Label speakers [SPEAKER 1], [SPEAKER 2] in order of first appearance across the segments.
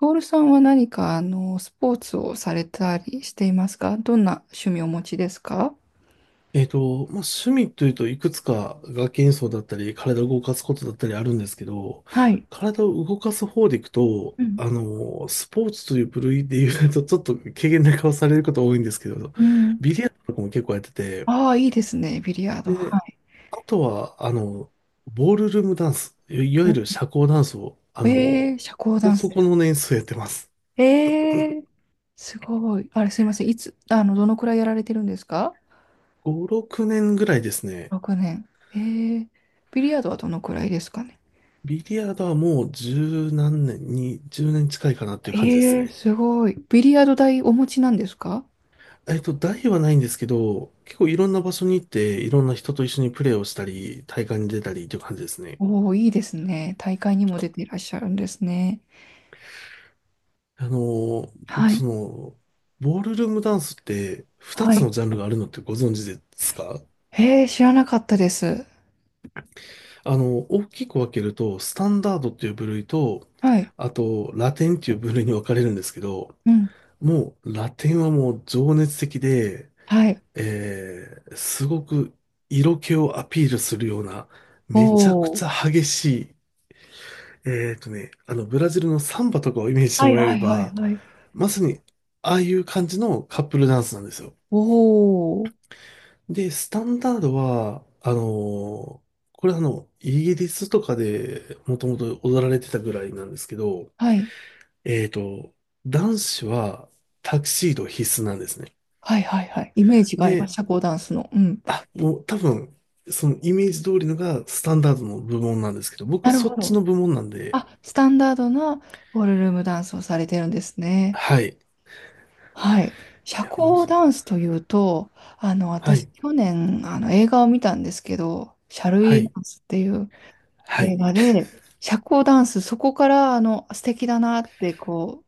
[SPEAKER 1] トールさんは何か、スポーツをされたりしていますか？どんな趣味をお持ちですか？
[SPEAKER 2] まあ、趣味というといくつか楽器演奏だったり、体を動かすことだったりあるんですけど、
[SPEAKER 1] はい。
[SPEAKER 2] 体を動かす方でいくと、
[SPEAKER 1] うん、
[SPEAKER 2] スポーツという部類で言うと、ちょっと軽減な顔されること多いんですけど、
[SPEAKER 1] うん。
[SPEAKER 2] ビリヤードとかも結構やってて、
[SPEAKER 1] ああ、いいですね、ビリヤード。は
[SPEAKER 2] で、
[SPEAKER 1] い。
[SPEAKER 2] あとは、ボールルームダンス、いいわゆ
[SPEAKER 1] お
[SPEAKER 2] る社交ダンスを、
[SPEAKER 1] えー、社交ダンス
[SPEAKER 2] そ
[SPEAKER 1] で
[SPEAKER 2] この年数やってます。
[SPEAKER 1] す。えー、すごい。あれ、すいません。いつ、どのくらいやられてるんですか？
[SPEAKER 2] 5、6年ぐらいですね。
[SPEAKER 1] 6 年。えー、ビリヤードはどのくらいですかね？
[SPEAKER 2] ビリヤードはもう十何年に、10年近いかなっていう
[SPEAKER 1] え
[SPEAKER 2] 感じです
[SPEAKER 1] ー、
[SPEAKER 2] ね。
[SPEAKER 1] すごい。ビリヤード台お持ちなんですか？
[SPEAKER 2] 大はないんですけど、結構いろんな場所に行って、いろんな人と一緒にプレーをしたり、大会に出たりという感じですね。
[SPEAKER 1] おおー、いいですね。大会にも出ていらっしゃるんですね。
[SPEAKER 2] 僕
[SPEAKER 1] は
[SPEAKER 2] そ
[SPEAKER 1] い。
[SPEAKER 2] の、ボールルームダンスって2
[SPEAKER 1] は
[SPEAKER 2] つ
[SPEAKER 1] い。
[SPEAKER 2] のジャンルがあるのってご存知ですか？
[SPEAKER 1] へえ、知らなかったです。
[SPEAKER 2] 大きく分けると、スタンダードっていう部類と、
[SPEAKER 1] はい。
[SPEAKER 2] あと、ラテンっていう部類に分かれるんですけど、
[SPEAKER 1] うん。
[SPEAKER 2] もう、ラテンはもう情熱的で、
[SPEAKER 1] はい。
[SPEAKER 2] すごく色気をアピールするような、
[SPEAKER 1] お
[SPEAKER 2] めちゃくち
[SPEAKER 1] お。
[SPEAKER 2] ゃ激しい、ブラジルのサンバとかをイメージして
[SPEAKER 1] は
[SPEAKER 2] も
[SPEAKER 1] い
[SPEAKER 2] らえ
[SPEAKER 1] は
[SPEAKER 2] れ
[SPEAKER 1] いはい
[SPEAKER 2] ば、
[SPEAKER 1] はい。
[SPEAKER 2] まさに、ああいう感じのカップルダンスなんですよ。
[SPEAKER 1] おお。
[SPEAKER 2] で、スタンダードは、これイギリスとかでもともと踊られてたぐらいなんですけど、
[SPEAKER 1] はい。
[SPEAKER 2] えーと、男子はタキシード必須なんですね。
[SPEAKER 1] はいはいはい。イメージがありま
[SPEAKER 2] で、
[SPEAKER 1] す。社交ダンスの。うん。
[SPEAKER 2] あ、もう多分、そのイメージ通りのがスタンダードの部門なんですけど、僕
[SPEAKER 1] なる
[SPEAKER 2] そ
[SPEAKER 1] ほ
[SPEAKER 2] っち
[SPEAKER 1] ど。
[SPEAKER 2] の部門なんで、
[SPEAKER 1] あ、スタンダードなボールルームダンスをされてるんですね。
[SPEAKER 2] はい。い
[SPEAKER 1] はい。社
[SPEAKER 2] や、もう
[SPEAKER 1] 交
[SPEAKER 2] そ
[SPEAKER 1] ダ
[SPEAKER 2] う。
[SPEAKER 1] ンスというと、
[SPEAKER 2] は
[SPEAKER 1] 私、
[SPEAKER 2] い。
[SPEAKER 1] 去年、映画を見たんですけど、シャルウ
[SPEAKER 2] は
[SPEAKER 1] ィーダ
[SPEAKER 2] い。
[SPEAKER 1] ンスっていう
[SPEAKER 2] は
[SPEAKER 1] 映
[SPEAKER 2] い。
[SPEAKER 1] 画で、社交ダンス、そこから、素敵だなって、こ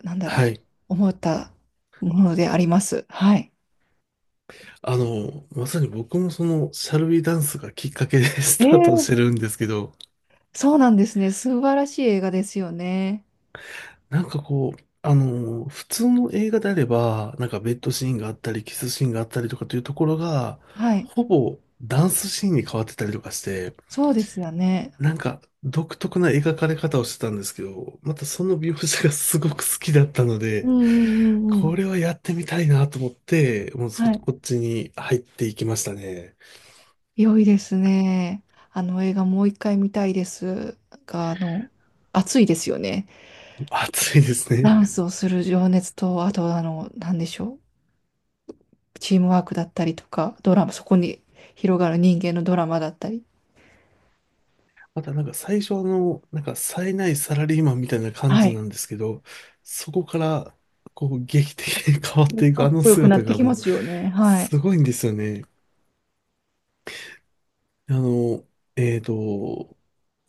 [SPEAKER 1] う、なんだろ
[SPEAKER 2] は
[SPEAKER 1] う、
[SPEAKER 2] い。
[SPEAKER 1] 思ったものであります。はい。
[SPEAKER 2] まさに僕もその、シャルビーダンスがきっかけで ス
[SPEAKER 1] え
[SPEAKER 2] タートし
[SPEAKER 1] え。
[SPEAKER 2] てるんですけど、
[SPEAKER 1] そうなんですね。素晴らしい映画ですよね。
[SPEAKER 2] なんかこう、普通の映画であれば、なんかベッドシーンがあったり、キスシーンがあったりとかというところが、
[SPEAKER 1] はい。
[SPEAKER 2] ほぼダンスシーンに変わってたりとかして、
[SPEAKER 1] そうですよね。
[SPEAKER 2] なんか独特な描かれ方をしてたんですけど、またその描写がすごく好きだったの
[SPEAKER 1] う
[SPEAKER 2] で、
[SPEAKER 1] んうんうんう
[SPEAKER 2] こ
[SPEAKER 1] ん。
[SPEAKER 2] れはやってみたいなと思って、もう
[SPEAKER 1] はい。
[SPEAKER 2] こっちに入っていきましたね。
[SPEAKER 1] 良いですね。あの映画もう一回見たいですが、熱いですよね。
[SPEAKER 2] 熱いですね。
[SPEAKER 1] ダンスをする情熱と、あとなんでしょう。チームワークだったりとか、ドラマ、そこに広がる人間のドラマだったり。
[SPEAKER 2] またなんか最初の、なんか冴えないサラリーマンみたいな感
[SPEAKER 1] は
[SPEAKER 2] じな
[SPEAKER 1] い。
[SPEAKER 2] んですけど、そこから、こう、劇的に 変わってい
[SPEAKER 1] か
[SPEAKER 2] くあ
[SPEAKER 1] っ
[SPEAKER 2] の
[SPEAKER 1] こよくな
[SPEAKER 2] 姿
[SPEAKER 1] って
[SPEAKER 2] が
[SPEAKER 1] きま
[SPEAKER 2] もう、
[SPEAKER 1] すよね。はい。
[SPEAKER 2] すごいんですよね。あの、えっと、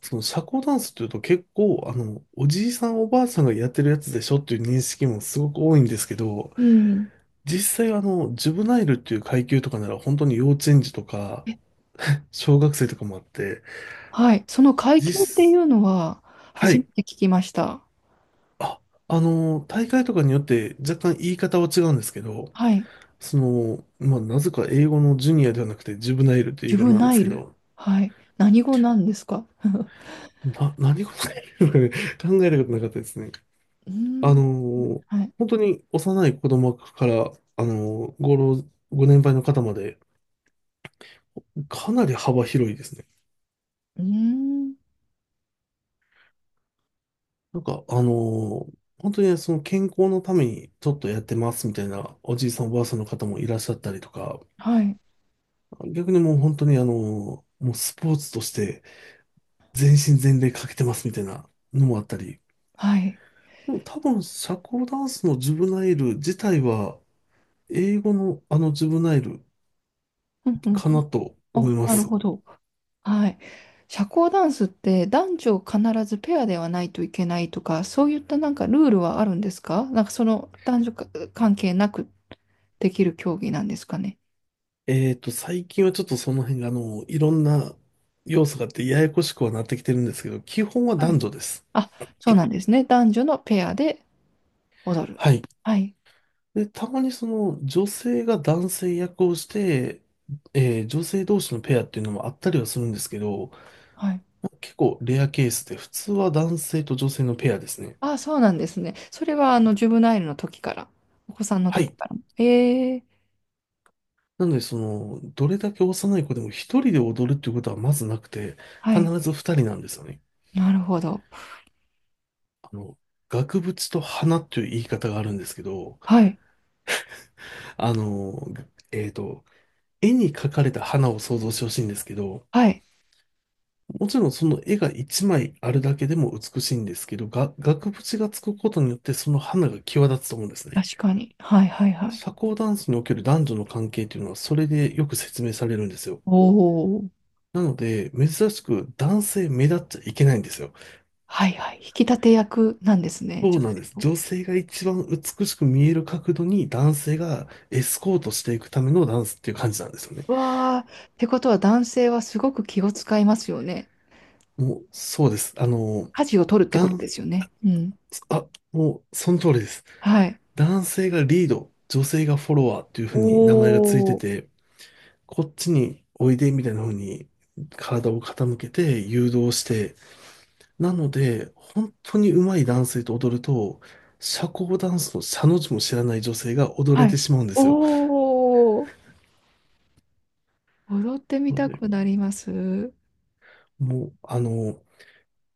[SPEAKER 2] その社交ダンスっていうと結構、おじいさんおばあさんがやってるやつでしょっていう認識もすごく多いんですけど、
[SPEAKER 1] うん。え、
[SPEAKER 2] 実際ジュブナイルっていう階級とかなら本当に幼稚園児とか、小学生とかもあって、
[SPEAKER 1] はい。その階級ってい
[SPEAKER 2] 実、
[SPEAKER 1] うのは、
[SPEAKER 2] は
[SPEAKER 1] 初め
[SPEAKER 2] い。
[SPEAKER 1] て聞きました。
[SPEAKER 2] あ、大会とかによって若干言い方は違うんですけど、
[SPEAKER 1] はい。
[SPEAKER 2] その、まあ、なぜか英語のジュニアではなくてジュブナイルとい
[SPEAKER 1] ジ
[SPEAKER 2] う
[SPEAKER 1] ュ
[SPEAKER 2] 言い
[SPEAKER 1] ブ
[SPEAKER 2] 方なんで
[SPEAKER 1] ナ
[SPEAKER 2] す
[SPEAKER 1] イ
[SPEAKER 2] け
[SPEAKER 1] ル。
[SPEAKER 2] ど、
[SPEAKER 1] はい。何語なんですか？
[SPEAKER 2] 何事かね 考えることなかったですね。
[SPEAKER 1] うー
[SPEAKER 2] あ
[SPEAKER 1] ん。
[SPEAKER 2] の、
[SPEAKER 1] はい。
[SPEAKER 2] 本当に幼い子供から、あの、ご老、ご年配の方まで、かなり幅広いですね。
[SPEAKER 1] うーん。
[SPEAKER 2] なんか、本当にその健康のためにちょっとやってますみたいなおじいさんおばあさんの方もいらっしゃったりとか、
[SPEAKER 1] はい。
[SPEAKER 2] 逆にもう本当にもうスポーツとして全身全霊かけてますみたいなのもあったり、
[SPEAKER 1] はい。
[SPEAKER 2] でも多分社交ダンスのジュブナイル自体は英語のあのジュブナイル
[SPEAKER 1] うんうん。
[SPEAKER 2] かなと思
[SPEAKER 1] あ、
[SPEAKER 2] いま
[SPEAKER 1] なる
[SPEAKER 2] す。
[SPEAKER 1] ほど。はい。社交ダンスって男女必ずペアではないといけないとか、そういったなんかルールはあるんですか？なんかその男女か関係なくできる競技なんですかね？
[SPEAKER 2] 最近はちょっとその辺がいろんな要素があってややこしくはなってきてるんですけど、基本は
[SPEAKER 1] は
[SPEAKER 2] 男
[SPEAKER 1] い。
[SPEAKER 2] 女です。
[SPEAKER 1] あ、そうなんですね。男女のペアで踊る。
[SPEAKER 2] はい。
[SPEAKER 1] はい。
[SPEAKER 2] で、たまにその女性が男性役をして、女性同士のペアっていうのもあったりはするんですけど、
[SPEAKER 1] はい。
[SPEAKER 2] 結構レアケースで、普通は男性と女性のペアですね。
[SPEAKER 1] ああ、そうなんですね。それは、ジュブナイルの時から、お子さんの
[SPEAKER 2] は
[SPEAKER 1] 時
[SPEAKER 2] い。
[SPEAKER 1] からも。ええ、
[SPEAKER 2] なので、その、どれだけ幼い子でも一人で踊るっていうことはまずなくて、
[SPEAKER 1] は
[SPEAKER 2] 必
[SPEAKER 1] い。
[SPEAKER 2] ず二人なんですよね。
[SPEAKER 1] なるほど。
[SPEAKER 2] あの、額縁と花っていう言い方があるんですけど、
[SPEAKER 1] はい。
[SPEAKER 2] あの、えっと、絵に描かれた花を想像してほしいんですけど、
[SPEAKER 1] はい。
[SPEAKER 2] もちろんその絵が一枚あるだけでも美しいんですけど、が、額縁がつくことによってその花が際立つと思うんですね。
[SPEAKER 1] 確かに。はい、はい、はい。
[SPEAKER 2] 社交ダンスにおける男女の関係というのはそれでよく説明されるんですよ。
[SPEAKER 1] おお。
[SPEAKER 2] なので、珍しく男性目立っちゃいけないんですよ。
[SPEAKER 1] はい、はい。引き立て役なんですね、
[SPEAKER 2] そう
[SPEAKER 1] 女
[SPEAKER 2] なん
[SPEAKER 1] 性
[SPEAKER 2] です。
[SPEAKER 1] を。
[SPEAKER 2] 女性が一番美しく見える角度に男性がエスコートしていくためのダンスっていう感じなんですよね。
[SPEAKER 1] わあ、ってことは男性はすごく気を使いますよね。
[SPEAKER 2] もう、そうです。
[SPEAKER 1] 舵を取るってこと
[SPEAKER 2] 男、
[SPEAKER 1] ですよね。うん。
[SPEAKER 2] あ、もう、その通りです。
[SPEAKER 1] はい。
[SPEAKER 2] 男性がリード、女性がフォロワーっていう
[SPEAKER 1] お
[SPEAKER 2] 風に名前がついて
[SPEAKER 1] お。
[SPEAKER 2] て、こっちにおいでみたいな風に体を傾けて誘導して、なので、本当に上手い男性と踊ると、社交ダンスの社の字も知らない女性が踊れ
[SPEAKER 1] は
[SPEAKER 2] て
[SPEAKER 1] い。
[SPEAKER 2] しまうんですよ。
[SPEAKER 1] おお。踊ってみ
[SPEAKER 2] なの
[SPEAKER 1] た
[SPEAKER 2] で、
[SPEAKER 1] くなります。
[SPEAKER 2] もう、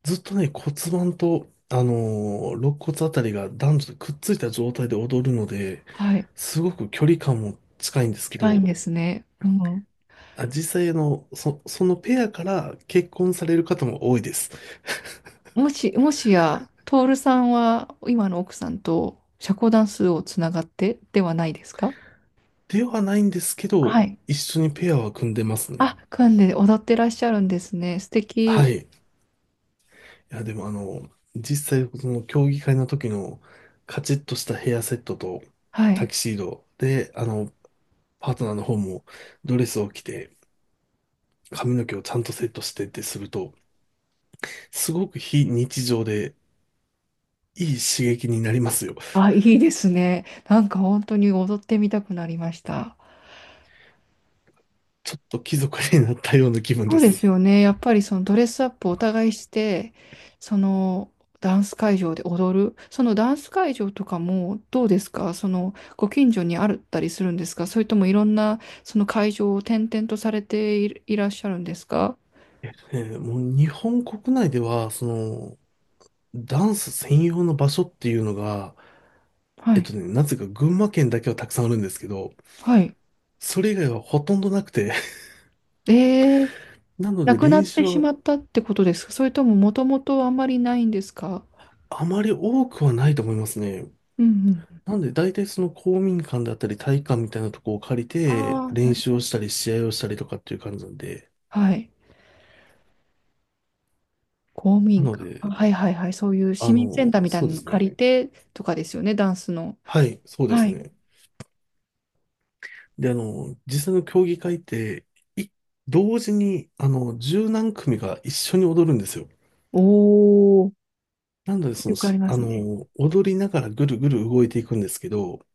[SPEAKER 2] ずっとね、骨盤と、肋骨あたりが男女とくっついた状態で踊るので、
[SPEAKER 1] はい。
[SPEAKER 2] すごく距離感も近いんですけ
[SPEAKER 1] 近いん
[SPEAKER 2] ど、
[SPEAKER 1] ですね。うん。
[SPEAKER 2] あ、実際そのペアから結婚される方も多いです。
[SPEAKER 1] もし、もしや、トールさんは今の奥さんと社交ダンスをつながってではないですか？
[SPEAKER 2] ではないんですけ
[SPEAKER 1] は
[SPEAKER 2] ど、
[SPEAKER 1] い。
[SPEAKER 2] 一緒にペアは組んでます
[SPEAKER 1] あ、
[SPEAKER 2] ね。
[SPEAKER 1] 組んで踊ってらっしゃるんですね。素
[SPEAKER 2] は
[SPEAKER 1] 敵。
[SPEAKER 2] い。いや、でも実際、その競技会の時のカチッとしたヘアセットと
[SPEAKER 1] は
[SPEAKER 2] タ
[SPEAKER 1] い。
[SPEAKER 2] キシードで、パートナーの方もドレスを着て、髪の毛をちゃんとセットしてってすると、すごく非日常でいい刺激になりますよ。
[SPEAKER 1] あ、いいですね。なんか本当に踊ってみたくなりました。
[SPEAKER 2] ちょっと貴族になったような気分
[SPEAKER 1] そう
[SPEAKER 2] で
[SPEAKER 1] です
[SPEAKER 2] す。
[SPEAKER 1] よね。やっぱりそのドレスアップをお互いして、そのダンス会場で踊る。そのダンス会場とかもどうですか？そのご近所にあったりするんですか？それともいろんなその会場を転々とされているいらっしゃるんですか？
[SPEAKER 2] もう日本国内では、その、ダンス専用の場所っていうのが、
[SPEAKER 1] はい。
[SPEAKER 2] なぜか群馬県だけはたくさんあるんですけど、
[SPEAKER 1] はい。
[SPEAKER 2] それ以外はほとんどなくて、
[SPEAKER 1] えー、
[SPEAKER 2] なの
[SPEAKER 1] な
[SPEAKER 2] で
[SPEAKER 1] くなっ
[SPEAKER 2] 練習
[SPEAKER 1] てし
[SPEAKER 2] は
[SPEAKER 1] まったってことですか？それとももともとあんまりないんですか？
[SPEAKER 2] あまり多くはないと思いますね。
[SPEAKER 1] うんうん。
[SPEAKER 2] なんで、大体その公民館だったり体育館みたいなとこを借り
[SPEAKER 1] あ
[SPEAKER 2] て、
[SPEAKER 1] あ、な
[SPEAKER 2] 練
[SPEAKER 1] る
[SPEAKER 2] 習
[SPEAKER 1] ほ
[SPEAKER 2] をしたり、
[SPEAKER 1] ど。
[SPEAKER 2] 試合をしたりとかっていう感じなんで。
[SPEAKER 1] はい。公務
[SPEAKER 2] な
[SPEAKER 1] 員
[SPEAKER 2] の
[SPEAKER 1] か。あ
[SPEAKER 2] で、
[SPEAKER 1] はいはいはい。そういう市民センターみたい
[SPEAKER 2] そう
[SPEAKER 1] な
[SPEAKER 2] で
[SPEAKER 1] の
[SPEAKER 2] すね。
[SPEAKER 1] 借りてとかですよね、ダンスの。
[SPEAKER 2] はい、そうで
[SPEAKER 1] は
[SPEAKER 2] す
[SPEAKER 1] い。
[SPEAKER 2] ね。で、実際の競技会って、い同時に、十何組が一緒に踊るんですよ。
[SPEAKER 1] おお、
[SPEAKER 2] なので、その、
[SPEAKER 1] よくあ
[SPEAKER 2] し
[SPEAKER 1] りま
[SPEAKER 2] あ
[SPEAKER 1] すね。
[SPEAKER 2] の、踊りながらぐるぐる動いていくんですけど、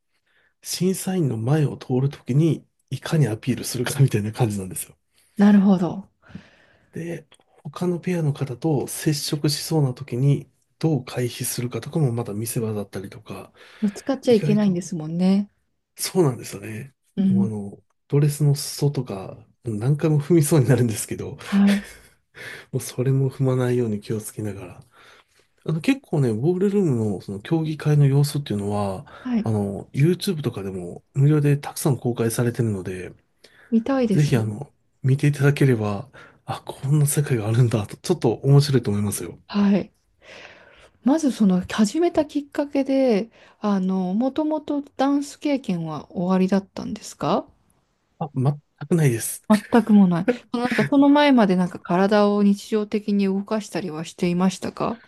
[SPEAKER 2] 審査員の前を通るときに、いかにアピールするかみたいな感じなんですよ。
[SPEAKER 1] なるほど。
[SPEAKER 2] で、他のペアの方と接触しそうな時にどう回避するかとかもまた見せ場だったりとか、
[SPEAKER 1] ぶつかっちゃ
[SPEAKER 2] 意
[SPEAKER 1] いけ
[SPEAKER 2] 外
[SPEAKER 1] ないん
[SPEAKER 2] と、
[SPEAKER 1] ですもんね。
[SPEAKER 2] そうなんですよね。
[SPEAKER 1] う
[SPEAKER 2] もう
[SPEAKER 1] ん。
[SPEAKER 2] ドレスの裾とか、何回も踏みそうになるんですけど、
[SPEAKER 1] はい。
[SPEAKER 2] もうそれも踏まないように気をつけながら。結構ね、ボールルームのその競技会の様子っていうのは、
[SPEAKER 1] はい。
[SPEAKER 2] YouTube とかでも無料でたくさん公開されてるので、
[SPEAKER 1] 見たいで
[SPEAKER 2] ぜひ
[SPEAKER 1] す。
[SPEAKER 2] 見ていただければ、あ、こんな世界があるんだと、ちょっと面白いと思いますよ。
[SPEAKER 1] はい。まずその始めたきっかけで、もともとダンス経験はおありだったんですか？
[SPEAKER 2] あ、全くないです。
[SPEAKER 1] 全くもない。そのなんかその前までなんか体を日常的に動かしたりはしていましたか？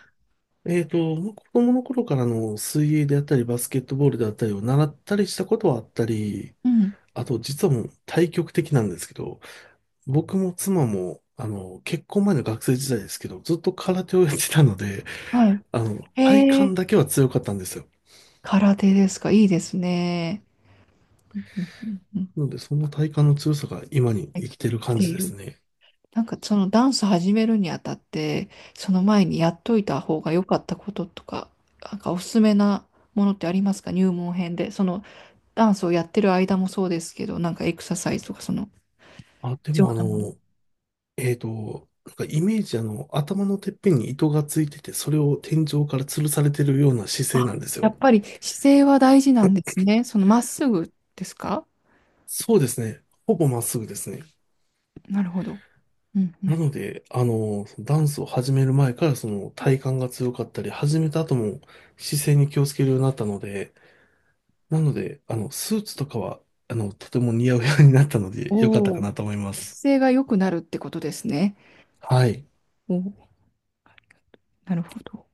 [SPEAKER 2] まあ子供の頃からの水泳であったり、バスケットボールであったりを習ったりしたことはあったり、
[SPEAKER 1] うん。
[SPEAKER 2] あと実はもう対極的なんですけど、僕も妻も、結婚前の学生時代ですけど、ずっと空手をやってたので、
[SPEAKER 1] はい。
[SPEAKER 2] 体
[SPEAKER 1] へ
[SPEAKER 2] 幹
[SPEAKER 1] え。
[SPEAKER 2] だけは強かったんですよ。
[SPEAKER 1] 空手ですか、いいですね。うんうんうんうん。
[SPEAKER 2] なので、その体幹の強さが今に
[SPEAKER 1] はい。
[SPEAKER 2] 生きてる
[SPEAKER 1] 生き
[SPEAKER 2] 感
[SPEAKER 1] て
[SPEAKER 2] じ
[SPEAKER 1] い
[SPEAKER 2] です
[SPEAKER 1] る。
[SPEAKER 2] ね。
[SPEAKER 1] なんかそのダンス始めるにあたって、その前にやっといた方が良かったこととか、なんかおすすめなものってありますか？入門編で。そのダンスをやってる間もそうですけど、なんかエクササイズとかその
[SPEAKER 2] あ、で
[SPEAKER 1] 必要
[SPEAKER 2] も
[SPEAKER 1] なもの。
[SPEAKER 2] なんかイメージ頭のてっぺんに糸がついてて、それを天井から吊るされてるような姿勢
[SPEAKER 1] あ、
[SPEAKER 2] なんです
[SPEAKER 1] や
[SPEAKER 2] よ。
[SPEAKER 1] っぱり姿勢は大事なんですね。そのまっすぐですか？
[SPEAKER 2] そうですね。ほぼまっすぐですね。
[SPEAKER 1] なるほど。うんう
[SPEAKER 2] な
[SPEAKER 1] ん。
[SPEAKER 2] ので、ダンスを始める前からその体幹が強かったり、始めた後も姿勢に気をつけるようになったので、なので、スーツとかは、とても似合うようになったので、良かった
[SPEAKER 1] お
[SPEAKER 2] か
[SPEAKER 1] お、
[SPEAKER 2] なと思います。
[SPEAKER 1] 姿勢が良くなるってことですね。
[SPEAKER 2] はい。
[SPEAKER 1] おお、なるほど。